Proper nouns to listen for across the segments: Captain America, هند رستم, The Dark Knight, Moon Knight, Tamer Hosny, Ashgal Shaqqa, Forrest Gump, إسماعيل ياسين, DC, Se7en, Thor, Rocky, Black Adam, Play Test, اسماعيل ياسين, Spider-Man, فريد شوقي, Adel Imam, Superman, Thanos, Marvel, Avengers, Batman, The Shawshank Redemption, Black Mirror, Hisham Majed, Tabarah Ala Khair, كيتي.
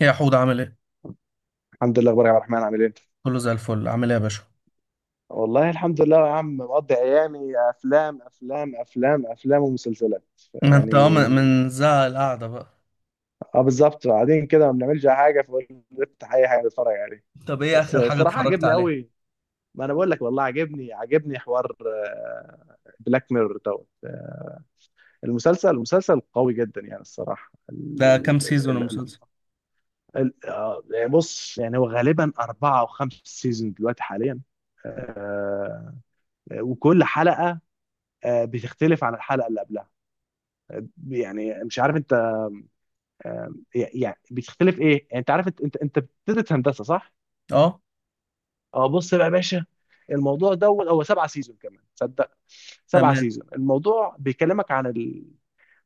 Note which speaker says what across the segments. Speaker 1: يا حود عامل ايه؟
Speaker 2: الحمد لله، اخبارك يا عبد الرحمن؟ عامل ايه؟
Speaker 1: كله زي الفل عامل ايه يا باشا؟
Speaker 2: والله الحمد لله يا عم، مقضي ايامي افلام افلام افلام افلام ومسلسلات
Speaker 1: ما انت من
Speaker 2: يعني.
Speaker 1: من زهق القعدة بقى.
Speaker 2: اه بالظبط، قاعدين كده ما بنعملش اي حاجه، فقلت افتح اي حاجه اتفرج عليه.
Speaker 1: طب ايه
Speaker 2: بس
Speaker 1: اخر حاجة
Speaker 2: الصراحه
Speaker 1: اتفرجت
Speaker 2: عجبني
Speaker 1: عليها؟
Speaker 2: قوي. ما انا بقول لك والله، عجبني عجبني حوار بلاك ميرور دوت. المسلسل المسلسل قوي جدا يعني. الصراحه
Speaker 1: ده كام
Speaker 2: ال
Speaker 1: سيزون
Speaker 2: ال ال
Speaker 1: المسلسل؟
Speaker 2: يعني بص، يعني هو غالبا اربعه او خمس سيزون دلوقتي حاليا. آه، وكل حلقه بتختلف عن الحلقه اللي قبلها. يعني مش عارف انت. يعني بتختلف ايه، يعني انت عارف، انت بتدرس هندسه صح؟
Speaker 1: اه،
Speaker 2: اه بص بقى يا باشا، الموضوع دوت هو سبعة سيزون، كمان صدق، سبعة
Speaker 1: تمام.
Speaker 2: سيزون. الموضوع بيكلمك عن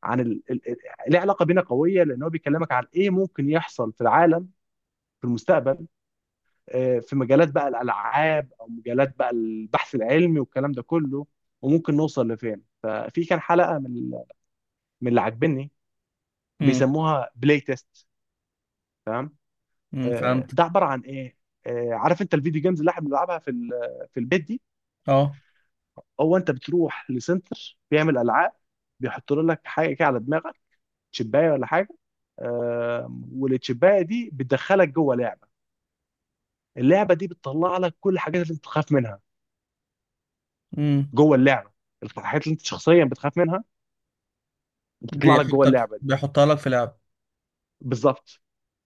Speaker 2: عن ال... ال... ال- ليه علاقه بينا قويه، لان هو بيكلمك عن ايه ممكن يحصل في العالم في المستقبل. في مجالات بقى الالعاب، او مجالات بقى البحث العلمي والكلام ده كله، وممكن نوصل لفين. ففي كان حلقه من اللي عاجبني،
Speaker 1: امم.
Speaker 2: بيسموها بلاي تيست. تمام. ده
Speaker 1: فهمتك.
Speaker 2: عباره عن ايه؟ عارف انت الفيديو جيمز اللي احنا بنلعبها في البيت دي؟
Speaker 1: اه.
Speaker 2: هو انت بتروح لسنتر بيعمل العاب، بيحط لك حاجه كده على دماغك، تشبايه ولا حاجه. والتشبايه دي بتدخلك جوه لعبه، اللعبه دي بتطلع لك كل الحاجات اللي انت بتخاف منها
Speaker 1: امم.
Speaker 2: جوه اللعبه. الحاجات اللي انت شخصيا بتخاف منها بتطلع لك جوه اللعبه دي.
Speaker 1: بيحطها لك في لعب.
Speaker 2: بالظبط،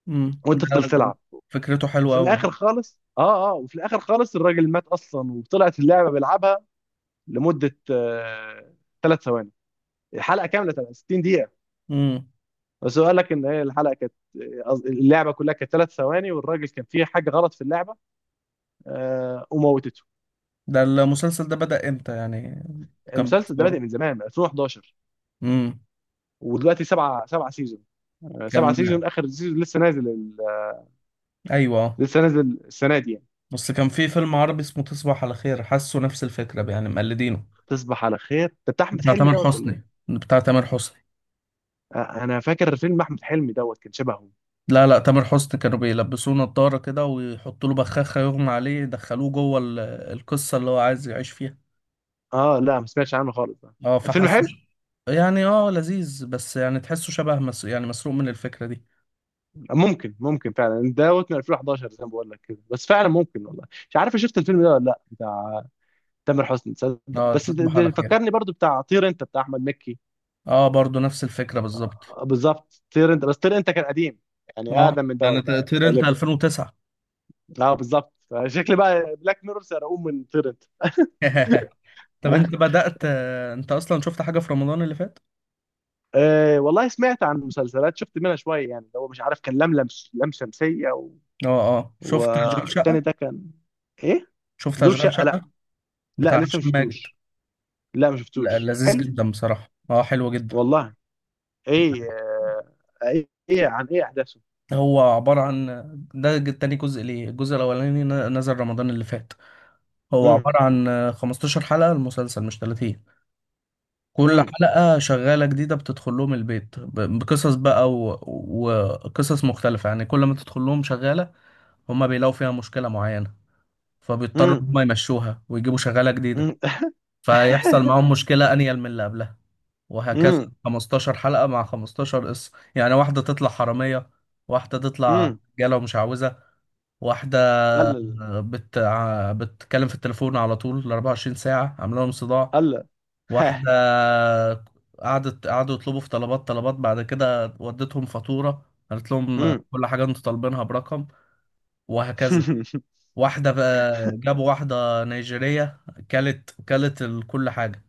Speaker 1: امم.
Speaker 2: وانت تفضل
Speaker 1: ده
Speaker 2: تلعب.
Speaker 1: فكرته حلوة
Speaker 2: وفي
Speaker 1: قوي يعني.
Speaker 2: الاخر خالص، وفي الاخر خالص الراجل مات اصلا، وطلعت اللعبه بيلعبها لمده ثلاث ثواني. الحلقه كامله تبقى 60 دقيقه،
Speaker 1: امم.
Speaker 2: بس هو قال لك ان هي الحلقه كانت، اللعبه كلها كانت ثلاث ثواني، والراجل كان فيه حاجه غلط في اللعبه وموتته.
Speaker 1: ده المسلسل ده بدأ امتى يعني؟ كان
Speaker 2: المسلسل ده
Speaker 1: بيتصور.
Speaker 2: بادئ من زمان، من 2011،
Speaker 1: امم.
Speaker 2: ودلوقتي سبعه سيزون. سبعه
Speaker 1: كان.
Speaker 2: سيزون، اخر سيزون لسه نازل
Speaker 1: ايوه، اه.
Speaker 2: لسه نازل السنه دي يعني.
Speaker 1: بس كان في فيلم عربي اسمه تصبح على خير، حاسه نفس الفكرة يعني مقلدينه.
Speaker 2: تصبح على خير ده بتاع احمد
Speaker 1: بتاع
Speaker 2: حلمي
Speaker 1: تامر
Speaker 2: دوت ولا
Speaker 1: حسني،
Speaker 2: ايه؟
Speaker 1: بتاع تامر حسني.
Speaker 2: انا فاكر فيلم احمد حلمي دوت كان شبهه.
Speaker 1: لا لا، تامر حسني كانوا بيلبسوه نضارة كده ويحطوا له بخاخة يغمى عليه، يدخلوه جوه القصة اللي هو عايز يعيش فيها.
Speaker 2: اه لا، ما سمعتش عنه خالص ده.
Speaker 1: اه
Speaker 2: فيلم
Speaker 1: فحس
Speaker 2: حلو.
Speaker 1: يعني، اه لذيذ، بس يعني تحسه شبه يعني مسروق من الفكرة دي.
Speaker 2: ممكن ممكن فعلا دوت، من 2011 زي ما بقول لك كده، بس فعلا ممكن والله. مش عارف أنا شفت الفيلم ده ولا لا، بتاع تامر حسني، تصدق.
Speaker 1: اه،
Speaker 2: بس ده
Speaker 1: تصبح على
Speaker 2: ده
Speaker 1: خير.
Speaker 2: فكرني برضو بتاع طير انت بتاع احمد مكي.
Speaker 1: اه، برضو نفس الفكرة بالظبط.
Speaker 2: بالظبط. طير انت، بس طير انت كان قديم، يعني
Speaker 1: اه
Speaker 2: اقدم من
Speaker 1: يعني
Speaker 2: دوت بقى يعني
Speaker 1: طير انت
Speaker 2: غالبا.
Speaker 1: 2009.
Speaker 2: اه بالظبط، شكل بقى بلاك ميرور سرقوه من طير انت.
Speaker 1: طب، انت اصلا شفت حاجة في رمضان اللي فات؟
Speaker 2: آه والله، سمعت عن مسلسلات، شفت منها شويه يعني، اللي هو مش عارف كان لملم، لم شمسيه و...
Speaker 1: اه اه، شفت اشغال
Speaker 2: والتاني ده
Speaker 1: شقة؟
Speaker 2: كان ايه؟
Speaker 1: شفت
Speaker 2: ظروف
Speaker 1: اشغال
Speaker 2: شقه؟ لا،
Speaker 1: شقة
Speaker 2: لا
Speaker 1: بتاع
Speaker 2: لسه ما
Speaker 1: هشام ماجد؟
Speaker 2: شفتوش. لا، ما
Speaker 1: لا،
Speaker 2: شفتوش.
Speaker 1: لذيذ
Speaker 2: حلو؟
Speaker 1: جدا بصراحة، اه حلو جدا.
Speaker 2: والله؟ ايه؟ ايه إيه عن ايه احداثه؟
Speaker 1: هو عبارة عن، تاني جزء ليه، الجزء الأولاني نزل رمضان اللي فات. هو
Speaker 2: مم.
Speaker 1: عبارة عن 15 حلقة المسلسل، مش 30. كل
Speaker 2: مم.
Speaker 1: حلقة شغالة جديدة بتدخل لهم البيت بقصص بقى وقصص مختلفة، يعني كل ما تدخل لهم شغالة هما بيلاقوا فيها مشكلة معينة، فبيضطروا إن
Speaker 2: مم.
Speaker 1: هما يمشوها ويجيبوا شغالة جديدة،
Speaker 2: مم.
Speaker 1: فيحصل معاهم مشكلة أنيل من اللي قبلها، وهكذا
Speaker 2: مم.
Speaker 1: 15 حلقة مع 15 قصة. يعني واحدة تطلع حرامية، واحدة تطلع
Speaker 2: مم.
Speaker 1: رجالة ومش عاوزة، واحدة
Speaker 2: قال.
Speaker 1: بتتكلم في التليفون على طول ال 24 ساعة، عامله لهم صداع.
Speaker 2: قال. ها.
Speaker 1: واحدة قعدوا يطلبوا في طلبات طلبات، بعد كده وديتهم فاتورة، قالت لهم
Speaker 2: مم.
Speaker 1: كل حاجة انتوا طالبينها برقم. وهكذا. واحدة بقى جابوا واحدة نيجيرية، كلت كل حاجة،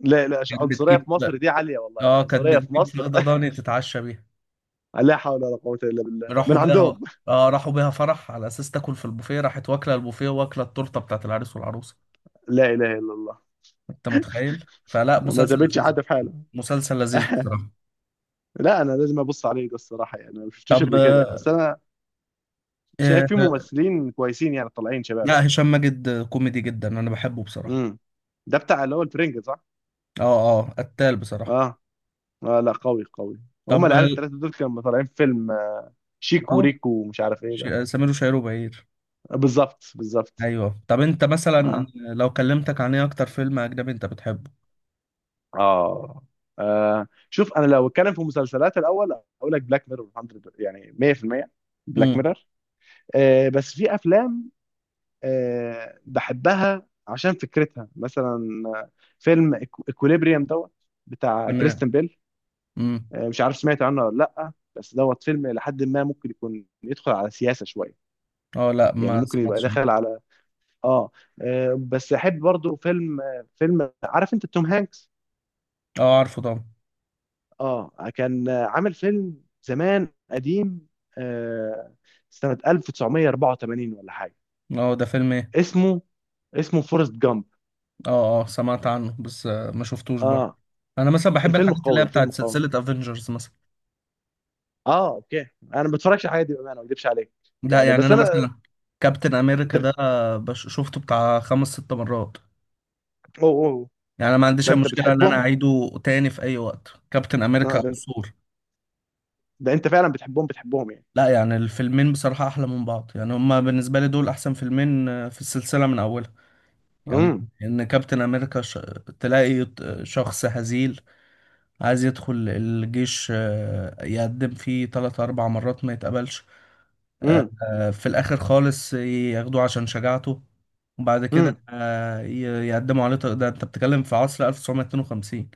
Speaker 2: لا لا،
Speaker 1: كانت
Speaker 2: عنصرية
Speaker 1: بتجيب
Speaker 2: في مصر دي عالية والله،
Speaker 1: اه كانت
Speaker 2: العنصرية في
Speaker 1: بتجيب
Speaker 2: مصر.
Speaker 1: فخدة ضاني تتعشى بيها.
Speaker 2: لا حول ولا قوة إلا بالله من
Speaker 1: راحوا بيها
Speaker 2: عندهم.
Speaker 1: اه راحوا بيها فرح على اساس تاكل في البوفيه، راحت واكله البوفيه واكله التورته بتاعت العريس والعروسه.
Speaker 2: لا إله إلا الله.
Speaker 1: انت متخيل؟ فلا،
Speaker 2: ما
Speaker 1: مسلسل
Speaker 2: سابتش
Speaker 1: لذيذ،
Speaker 2: حد في حاله.
Speaker 1: مسلسل لذيذ بصراحة.
Speaker 2: لا، أنا لازم أبص عليه ده الصراحة يعني، أنا ما
Speaker 1: طب
Speaker 2: شفتوش
Speaker 1: شكله.
Speaker 2: قبل كده، بس أنا
Speaker 1: آه،
Speaker 2: شايف فيه
Speaker 1: آه،
Speaker 2: ممثلين كويسين يعني، طالعين شباب.
Speaker 1: لا، هشام ماجد كوميدي جدا، انا بحبه بصراحة.
Speaker 2: مم. ده بتاع اللي هو الفرنجة صح؟
Speaker 1: اه اه، قتال بصراحة.
Speaker 2: اه. آه لا، قوي قوي. هما
Speaker 1: طب.
Speaker 2: العيال
Speaker 1: آه.
Speaker 2: التلاتة دول كانوا طالعين فيلم
Speaker 1: اه،
Speaker 2: شيكو وريكو ومش عارف ايه ده.
Speaker 1: سمير وشهير وبهير.
Speaker 2: بالظبط بالظبط.
Speaker 1: ايوه. طب انت مثلا،
Speaker 2: آه.
Speaker 1: لو كلمتك عن ايه اكتر فيلم اجنبي انت بتحبه؟
Speaker 2: اه. آه شوف، انا لو اتكلم في مسلسلات الاول، اقول لك بلاك ميرور 100، يعني 100%، بلاك
Speaker 1: امم.
Speaker 2: ميرور. آه بس في افلام آه بحبها عشان فكرتها، مثلا فيلم اكوليبريم دوت بتاع
Speaker 1: تمام.
Speaker 2: كريستن بيل.
Speaker 1: امم.
Speaker 2: آه مش عارف سمعت عنه ولا لا، بس دوت فيلم لحد ما ممكن يكون يدخل على سياسة شوية،
Speaker 1: اه، لا ما
Speaker 2: يعني ممكن يبقى
Speaker 1: سمعتش عنه.
Speaker 2: داخل على اه. بس احب برضو فيلم، فيلم، عارف انت توم هانكس؟
Speaker 1: اه، عارفه طبعا.
Speaker 2: اه كان عامل فيلم زمان قديم آه، سنة 1984 ولا حاجة.
Speaker 1: اه، ده فيلم ايه؟
Speaker 2: اسمه، اسمه فورست جامب.
Speaker 1: اه اه، سمعت عنه بس ما شفتوش برضه.
Speaker 2: اه.
Speaker 1: انا مثلا بحب
Speaker 2: الفيلم
Speaker 1: الحاجات اللي
Speaker 2: قوي،
Speaker 1: هي
Speaker 2: الفيلم
Speaker 1: بتاعت
Speaker 2: قوي.
Speaker 1: سلسلة افنجرز مثلا.
Speaker 2: اه اوكي. انا ما بتفرجش على الحاجات دي بامانه، ما اكذبش عليك
Speaker 1: لا
Speaker 2: يعني.
Speaker 1: يعني
Speaker 2: بس
Speaker 1: انا
Speaker 2: انا
Speaker 1: مثلا كابتن
Speaker 2: انت
Speaker 1: امريكا ده
Speaker 2: بت...
Speaker 1: شفته بتاع خمس ست مرات.
Speaker 2: أوه أوه.
Speaker 1: يعني انا ما عنديش
Speaker 2: ده
Speaker 1: أي
Speaker 2: انت
Speaker 1: مشكله ان انا
Speaker 2: بتحبهم؟
Speaker 1: اعيده تاني في اي وقت، كابتن
Speaker 2: آه
Speaker 1: امريكا او
Speaker 2: ده...
Speaker 1: ثور.
Speaker 2: ده انت فعلا بتحبهم بتحبهم يعني.
Speaker 1: لا يعني الفيلمين بصراحه احلى من بعض، يعني هما بالنسبه لي دول احسن فيلمين في السلسله من اولها. يعني
Speaker 2: امم
Speaker 1: ان كابتن امريكا تلاقي شخص هزيل عايز يدخل الجيش، يقدم فيه تلات اربع مرات ما يتقبلش.
Speaker 2: امم
Speaker 1: في الآخر خالص ياخدوه عشان شجاعته. وبعد كده
Speaker 2: امم.
Speaker 1: يقدموا عليه ده أنت بتتكلم في عصر 1952.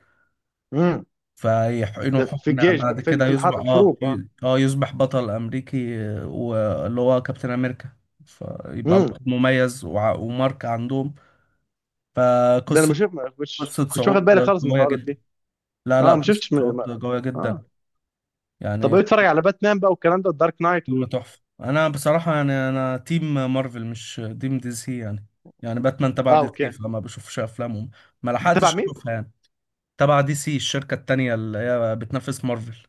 Speaker 2: امم.
Speaker 1: فيحقنوا
Speaker 2: ده في
Speaker 1: حقنة
Speaker 2: الجيش
Speaker 1: بعد
Speaker 2: بقى، في
Speaker 1: كده، يصبح
Speaker 2: الحروب.
Speaker 1: يصبح بطل أمريكي، واللي هو كابتن أمريكا، فيبقى
Speaker 2: اه،
Speaker 1: بطل مميز وماركة عندهم.
Speaker 2: ده انا ما
Speaker 1: فقصة
Speaker 2: شفت، ما كنتش
Speaker 1: قصة
Speaker 2: كنتش واخد
Speaker 1: صعود
Speaker 2: بالي خالص من
Speaker 1: قوية
Speaker 2: الحوارات
Speaker 1: جدا.
Speaker 2: دي.
Speaker 1: لا لا،
Speaker 2: اه ما
Speaker 1: قصة
Speaker 2: شفتش م... ما...
Speaker 1: صعود قوية
Speaker 2: اه.
Speaker 1: جدا،
Speaker 2: طب
Speaker 1: يعني
Speaker 2: ايه، بتتفرج على باتمان بقى والكلام ده، الدارك نايت
Speaker 1: فيلم
Speaker 2: وال...؟
Speaker 1: تحفة. انا بصراحة يعني انا تيم مارفل مش تيم دي سي يعني. يعني باتمان تبع
Speaker 2: اه
Speaker 1: دي سي،
Speaker 2: اوكي.
Speaker 1: فما بشوفش افلامهم، ما
Speaker 2: بتابع
Speaker 1: لحقتش
Speaker 2: مين؟
Speaker 1: اشوفها يعني. تبع دي سي الشركة التانية اللي هي بتنافس مارفل.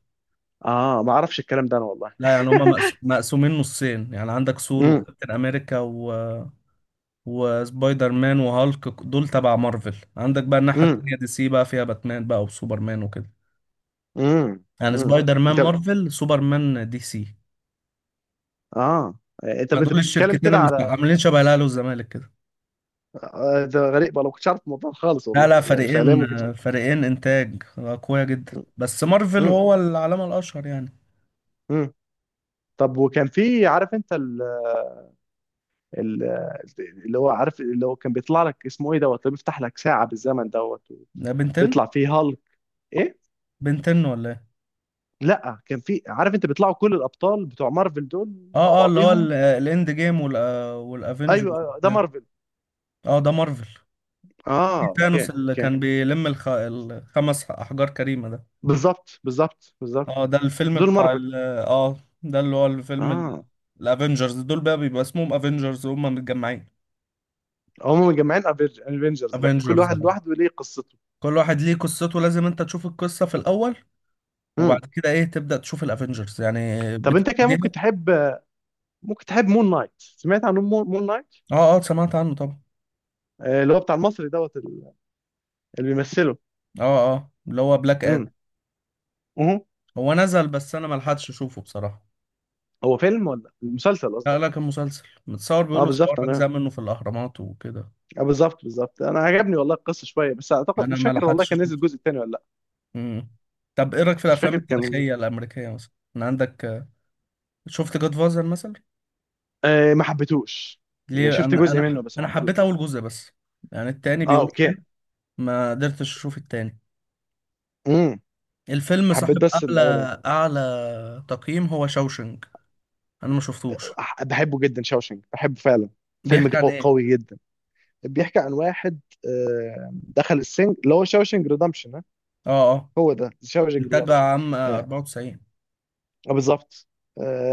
Speaker 2: اه ما اعرفش الكلام ده انا والله.
Speaker 1: لا يعني هما مقسومين نصين، يعني عندك ثور
Speaker 2: امم.
Speaker 1: وكابتن امريكا و... وسبايدر مان وهالك دول تبع مارفل، عندك بقى الناحية
Speaker 2: امم.
Speaker 1: التانية دي سي بقى فيها باتمان بقى وسوبرمان وكده.
Speaker 2: امم.
Speaker 1: يعني
Speaker 2: امم.
Speaker 1: سبايدر مان
Speaker 2: انت
Speaker 1: مارفل، سوبرمان دي سي.
Speaker 2: اه، انت
Speaker 1: فدول
Speaker 2: بتتكلم
Speaker 1: الشركتين،
Speaker 2: كده
Speaker 1: اللي مش
Speaker 2: على،
Speaker 1: عاملين شبه الاهلي والزمالك كده؟
Speaker 2: ده غريب والله، ما كنتش عارف الموضوع خالص
Speaker 1: لا
Speaker 2: والله،
Speaker 1: لا،
Speaker 2: يعني فعليا
Speaker 1: فريقين،
Speaker 2: ما كنتش عارف.
Speaker 1: فريقين انتاج قوية جدا، بس مارفل
Speaker 2: امم.
Speaker 1: هو العلامة الاشهر يعني.
Speaker 2: امم. طب وكان في، عارف انت ال... ال... اللي هو عارف، اللي هو كان بيطلع لك اسمه ايه دوت، اللي بيفتح لك ساعة بالزمن دوت،
Speaker 1: ده بنتين؟
Speaker 2: بيطلع فيه هالك؟ ايه؟
Speaker 1: بنتين ولا ايه؟
Speaker 2: لا كان في، عارف انت بيطلعوا كل الابطال بتوع مارفل دول مع
Speaker 1: اه اه، اللي هو
Speaker 2: بعضيهم.
Speaker 1: الاند جيم والافنجرز
Speaker 2: ايوه أيوة، ده
Speaker 1: وبتاع.
Speaker 2: مارفل.
Speaker 1: اه، ده مارفل.
Speaker 2: اه
Speaker 1: في
Speaker 2: اوكي
Speaker 1: ثانوس اللي
Speaker 2: اوكي.
Speaker 1: كان بيلم الخمس احجار كريمة ده.
Speaker 2: بالظبط بالظبط بالظبط.
Speaker 1: اه ده الفيلم
Speaker 2: دول
Speaker 1: بتاع
Speaker 2: مارفل.
Speaker 1: ال... اه ده اللي هو الفيلم
Speaker 2: اه.
Speaker 1: الافنجرز دول بقى بيبقى اسمهم افنجرز وهم متجمعين.
Speaker 2: هم مجمعين افنجرز، لكن كل
Speaker 1: افنجرز
Speaker 2: واحد لوحده ليه قصته.
Speaker 1: كل واحد ليه قصته، لازم انت تشوف القصة في الاول، وبعد
Speaker 2: مم.
Speaker 1: كده تبدأ تشوف الافنجرز يعني،
Speaker 2: طب انت كده ممكن
Speaker 1: بتبتديها.
Speaker 2: تحب، ممكن تحب مون نايت. سمعت عن مون نايت؟
Speaker 1: اه اه، سمعت عنه طبعا.
Speaker 2: اللي هو بتاع المصري دوت، اللي بيمثله.
Speaker 1: اه اه، اللي هو بلاك ادم.
Speaker 2: امم. اهو.
Speaker 1: هو نزل، بس انا ملحقتش اشوفه بصراحة.
Speaker 2: هو فيلم ولا مسلسل قصدي؟
Speaker 1: لا لا، كان مسلسل متصور،
Speaker 2: اه
Speaker 1: بيقولوا صور
Speaker 2: بالظبط انا،
Speaker 1: اجزاء منه في الاهرامات وكده.
Speaker 2: اه بالظبط بالظبط. انا عجبني والله القصه شويه، بس اعتقد
Speaker 1: انا
Speaker 2: مش فاكر والله
Speaker 1: ملحقتش
Speaker 2: كان نزل
Speaker 1: اشوفه.
Speaker 2: الجزء الثاني ولا لا.
Speaker 1: امم. طب ايه رايك في
Speaker 2: مش
Speaker 1: الافلام
Speaker 2: فاكر كان.
Speaker 1: التاريخية الامريكية مثلا؟ انا عندك شفت جاد فازر مثلا؟
Speaker 2: آه، ما حبيتوش يعني.
Speaker 1: ليه؟
Speaker 2: شفت
Speaker 1: انا
Speaker 2: جزء منه
Speaker 1: انا
Speaker 2: بس ما
Speaker 1: انا حبيت
Speaker 2: حبيتوش.
Speaker 1: اول جزء بس. يعني التاني
Speaker 2: اه
Speaker 1: بيقول
Speaker 2: اوكي.
Speaker 1: حلو، ما قدرتش اشوف التاني.
Speaker 2: امم.
Speaker 1: الفيلم
Speaker 2: حبيت
Speaker 1: صاحب
Speaker 2: بس
Speaker 1: اعلى
Speaker 2: الاولاني.
Speaker 1: اعلى تقييم هو شوشنج، انا ما شفتوش.
Speaker 2: بحبه جدا شاوشنج، بحبه فعلا، فيلم
Speaker 1: بيحكي عن ايه؟
Speaker 2: قوي جدا. بيحكي عن واحد دخل السجن، اللي هو شاوشنج ريدمشن.
Speaker 1: اه اه،
Speaker 2: هو ده شاوشنج
Speaker 1: انتاج
Speaker 2: ريدمشن.
Speaker 1: عام
Speaker 2: آه،
Speaker 1: 94.
Speaker 2: بالظبط.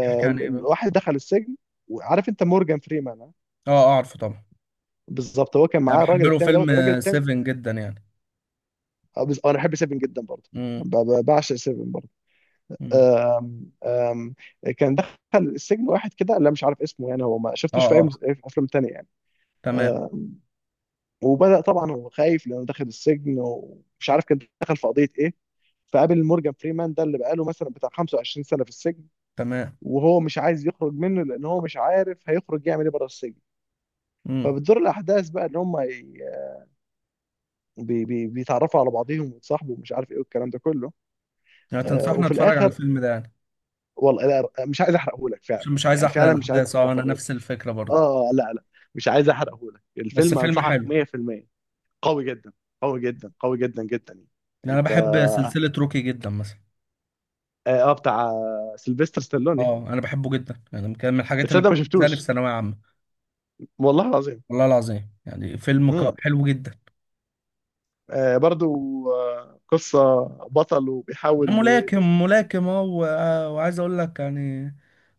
Speaker 1: بيحكي عن ايه بقى؟
Speaker 2: الواحد دخل السجن، وعارف انت مورجان فريمان آه؟
Speaker 1: اه، اعرفه طبعا.
Speaker 2: بالظبط. هو كان
Speaker 1: انا
Speaker 2: معاه
Speaker 1: بحب
Speaker 2: الراجل
Speaker 1: له
Speaker 2: التاني
Speaker 1: فيلم
Speaker 2: دوت، الراجل التاني.
Speaker 1: سيفن جدا يعني.
Speaker 2: انا بحب سيفن جدا برضه.
Speaker 1: امم.
Speaker 2: بعشق سيفن برضه.
Speaker 1: أمم.
Speaker 2: آم، آم، كان دخل السجن واحد كده، لا مش عارف اسمه يعني، هو ما
Speaker 1: اه
Speaker 2: شفتوش في اي
Speaker 1: اه،
Speaker 2: في افلام تانية يعني.
Speaker 1: تمام
Speaker 2: وبدأ طبعا، هو خايف لانه دخل السجن ومش عارف كان دخل في قضية ايه، فقابل مورجان فريمان ده اللي بقاله مثلا بتاع 25 سنة في السجن.
Speaker 1: تمام.
Speaker 2: وهو مش عايز يخرج منه لان هو مش عارف هيخرج يعمل ايه بره السجن.
Speaker 1: امم.
Speaker 2: فبتدور الاحداث بقى، ان هم ي- بي بي بيتعرفوا على بعضهم ويتصاحبوا، ومش عارف ايه والكلام ده كله.
Speaker 1: يعني تنصحنا
Speaker 2: وفي
Speaker 1: اتفرج على
Speaker 2: الاخر،
Speaker 1: الفيلم ده يعني؟
Speaker 2: والله، لا، مش عايز احرقه لك فعلا،
Speaker 1: عشان مش عايز
Speaker 2: يعني
Speaker 1: احرق
Speaker 2: فعلا مش عايز
Speaker 1: الاحداث. اه، انا
Speaker 2: احرقه.
Speaker 1: نفس الفكره برضه.
Speaker 2: اه لا لا، مش عايز احرقه لك
Speaker 1: بس
Speaker 2: الفيلم،
Speaker 1: فيلم
Speaker 2: انصحك.
Speaker 1: حلو.
Speaker 2: 100%. قوي جدا، قوي جدا، قوي جدا جدا يعني.
Speaker 1: يعني انا
Speaker 2: انت
Speaker 1: بحب
Speaker 2: اه،
Speaker 1: سلسله روكي جدا مثلا.
Speaker 2: بتاع سيلفستر ستالوني.
Speaker 1: اه، انا بحبه جدا، يعني كان من الحاجات اللي
Speaker 2: تصدق ما
Speaker 1: بتزاني في
Speaker 2: شفتوش،
Speaker 1: ثانويه عامه.
Speaker 2: والله العظيم.
Speaker 1: والله العظيم، يعني فيلم
Speaker 2: امم.
Speaker 1: حلو جدا.
Speaker 2: آه برضو. آه، قصة بطل،
Speaker 1: ده
Speaker 2: وبيحاول.
Speaker 1: ملاكم، ملاكم اه وعايز اقول لك يعني،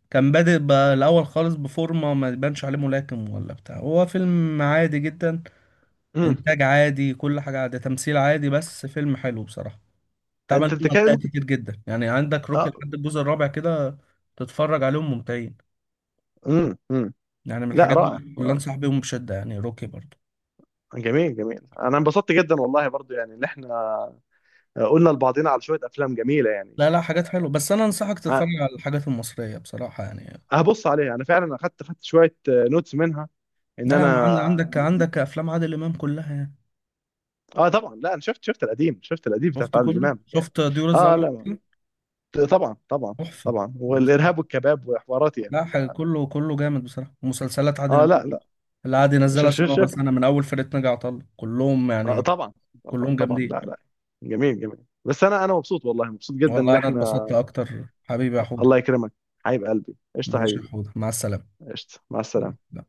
Speaker 1: كان بادئ بقى الأول خالص بفورمة ما يبانش عليه ملاكم ولا بتاع. هو فيلم عادي جدا،
Speaker 2: امم.
Speaker 1: إنتاج عادي، كل حاجة عادي، تمثيل عادي، بس فيلم حلو بصراحة.
Speaker 2: انت
Speaker 1: اتعمل منه
Speaker 2: بتتكلم
Speaker 1: أجزاء
Speaker 2: ممكن.
Speaker 1: كتير جدا، يعني عندك روكي
Speaker 2: اه.
Speaker 1: لحد الجزء الرابع كده، تتفرج عليهم ممتعين.
Speaker 2: امم. امم.
Speaker 1: يعني من
Speaker 2: لا،
Speaker 1: الحاجات
Speaker 2: رائع
Speaker 1: اللي
Speaker 2: رائع.
Speaker 1: أنصح بيهم بشدة يعني روكي برضو.
Speaker 2: جميل جميل، انا انبسطت جدا والله برضو، يعني ان احنا قلنا لبعضنا على شوية افلام جميلة يعني.
Speaker 1: لا لا، حاجات حلوة، بس أنا أنصحك تتفرج
Speaker 2: آه،
Speaker 1: على الحاجات المصرية بصراحة يعني.
Speaker 2: هبص عليها انا فعلا، اخدت شوية نوتس منها، ان
Speaker 1: لا يعني
Speaker 2: انا.
Speaker 1: عندك أفلام عادل إمام كلها يعني.
Speaker 2: اه طبعا، لا انا شفت، القديم، شفت القديم بتاع
Speaker 1: شفت
Speaker 2: عادل
Speaker 1: كله،
Speaker 2: امام يعني.
Speaker 1: شفت طيور
Speaker 2: اه
Speaker 1: الظلام؟
Speaker 2: لا طبعا، طبعا
Speaker 1: تحفة.
Speaker 2: طبعا. والارهاب والكباب وحوارات
Speaker 1: لا
Speaker 2: يعني ف...
Speaker 1: حاجة، كله كله جامد بصراحة، ومسلسلات عادل
Speaker 2: اه
Speaker 1: إمام
Speaker 2: لا لا،
Speaker 1: اللي عادي نزلها سنة ورا
Speaker 2: شوف.
Speaker 1: سنة من أول فرقة ناجي عطا الله كلهم
Speaker 2: آه
Speaker 1: يعني،
Speaker 2: طبعا، طبعا
Speaker 1: كلهم
Speaker 2: طبعا.
Speaker 1: جامدين.
Speaker 2: لا لا. جميل جميل، بس انا انا مبسوط والله، مبسوط جدا ان
Speaker 1: والله أنا اتبسطت
Speaker 2: احنا.
Speaker 1: أكتر حبيبي يا حوده.
Speaker 2: الله يكرمك. حبيب قلبي، قشطه
Speaker 1: ماشي يا
Speaker 2: حبيبي.
Speaker 1: حوده، مع السلامة.
Speaker 2: قشطه، مع السلامه.
Speaker 1: لا.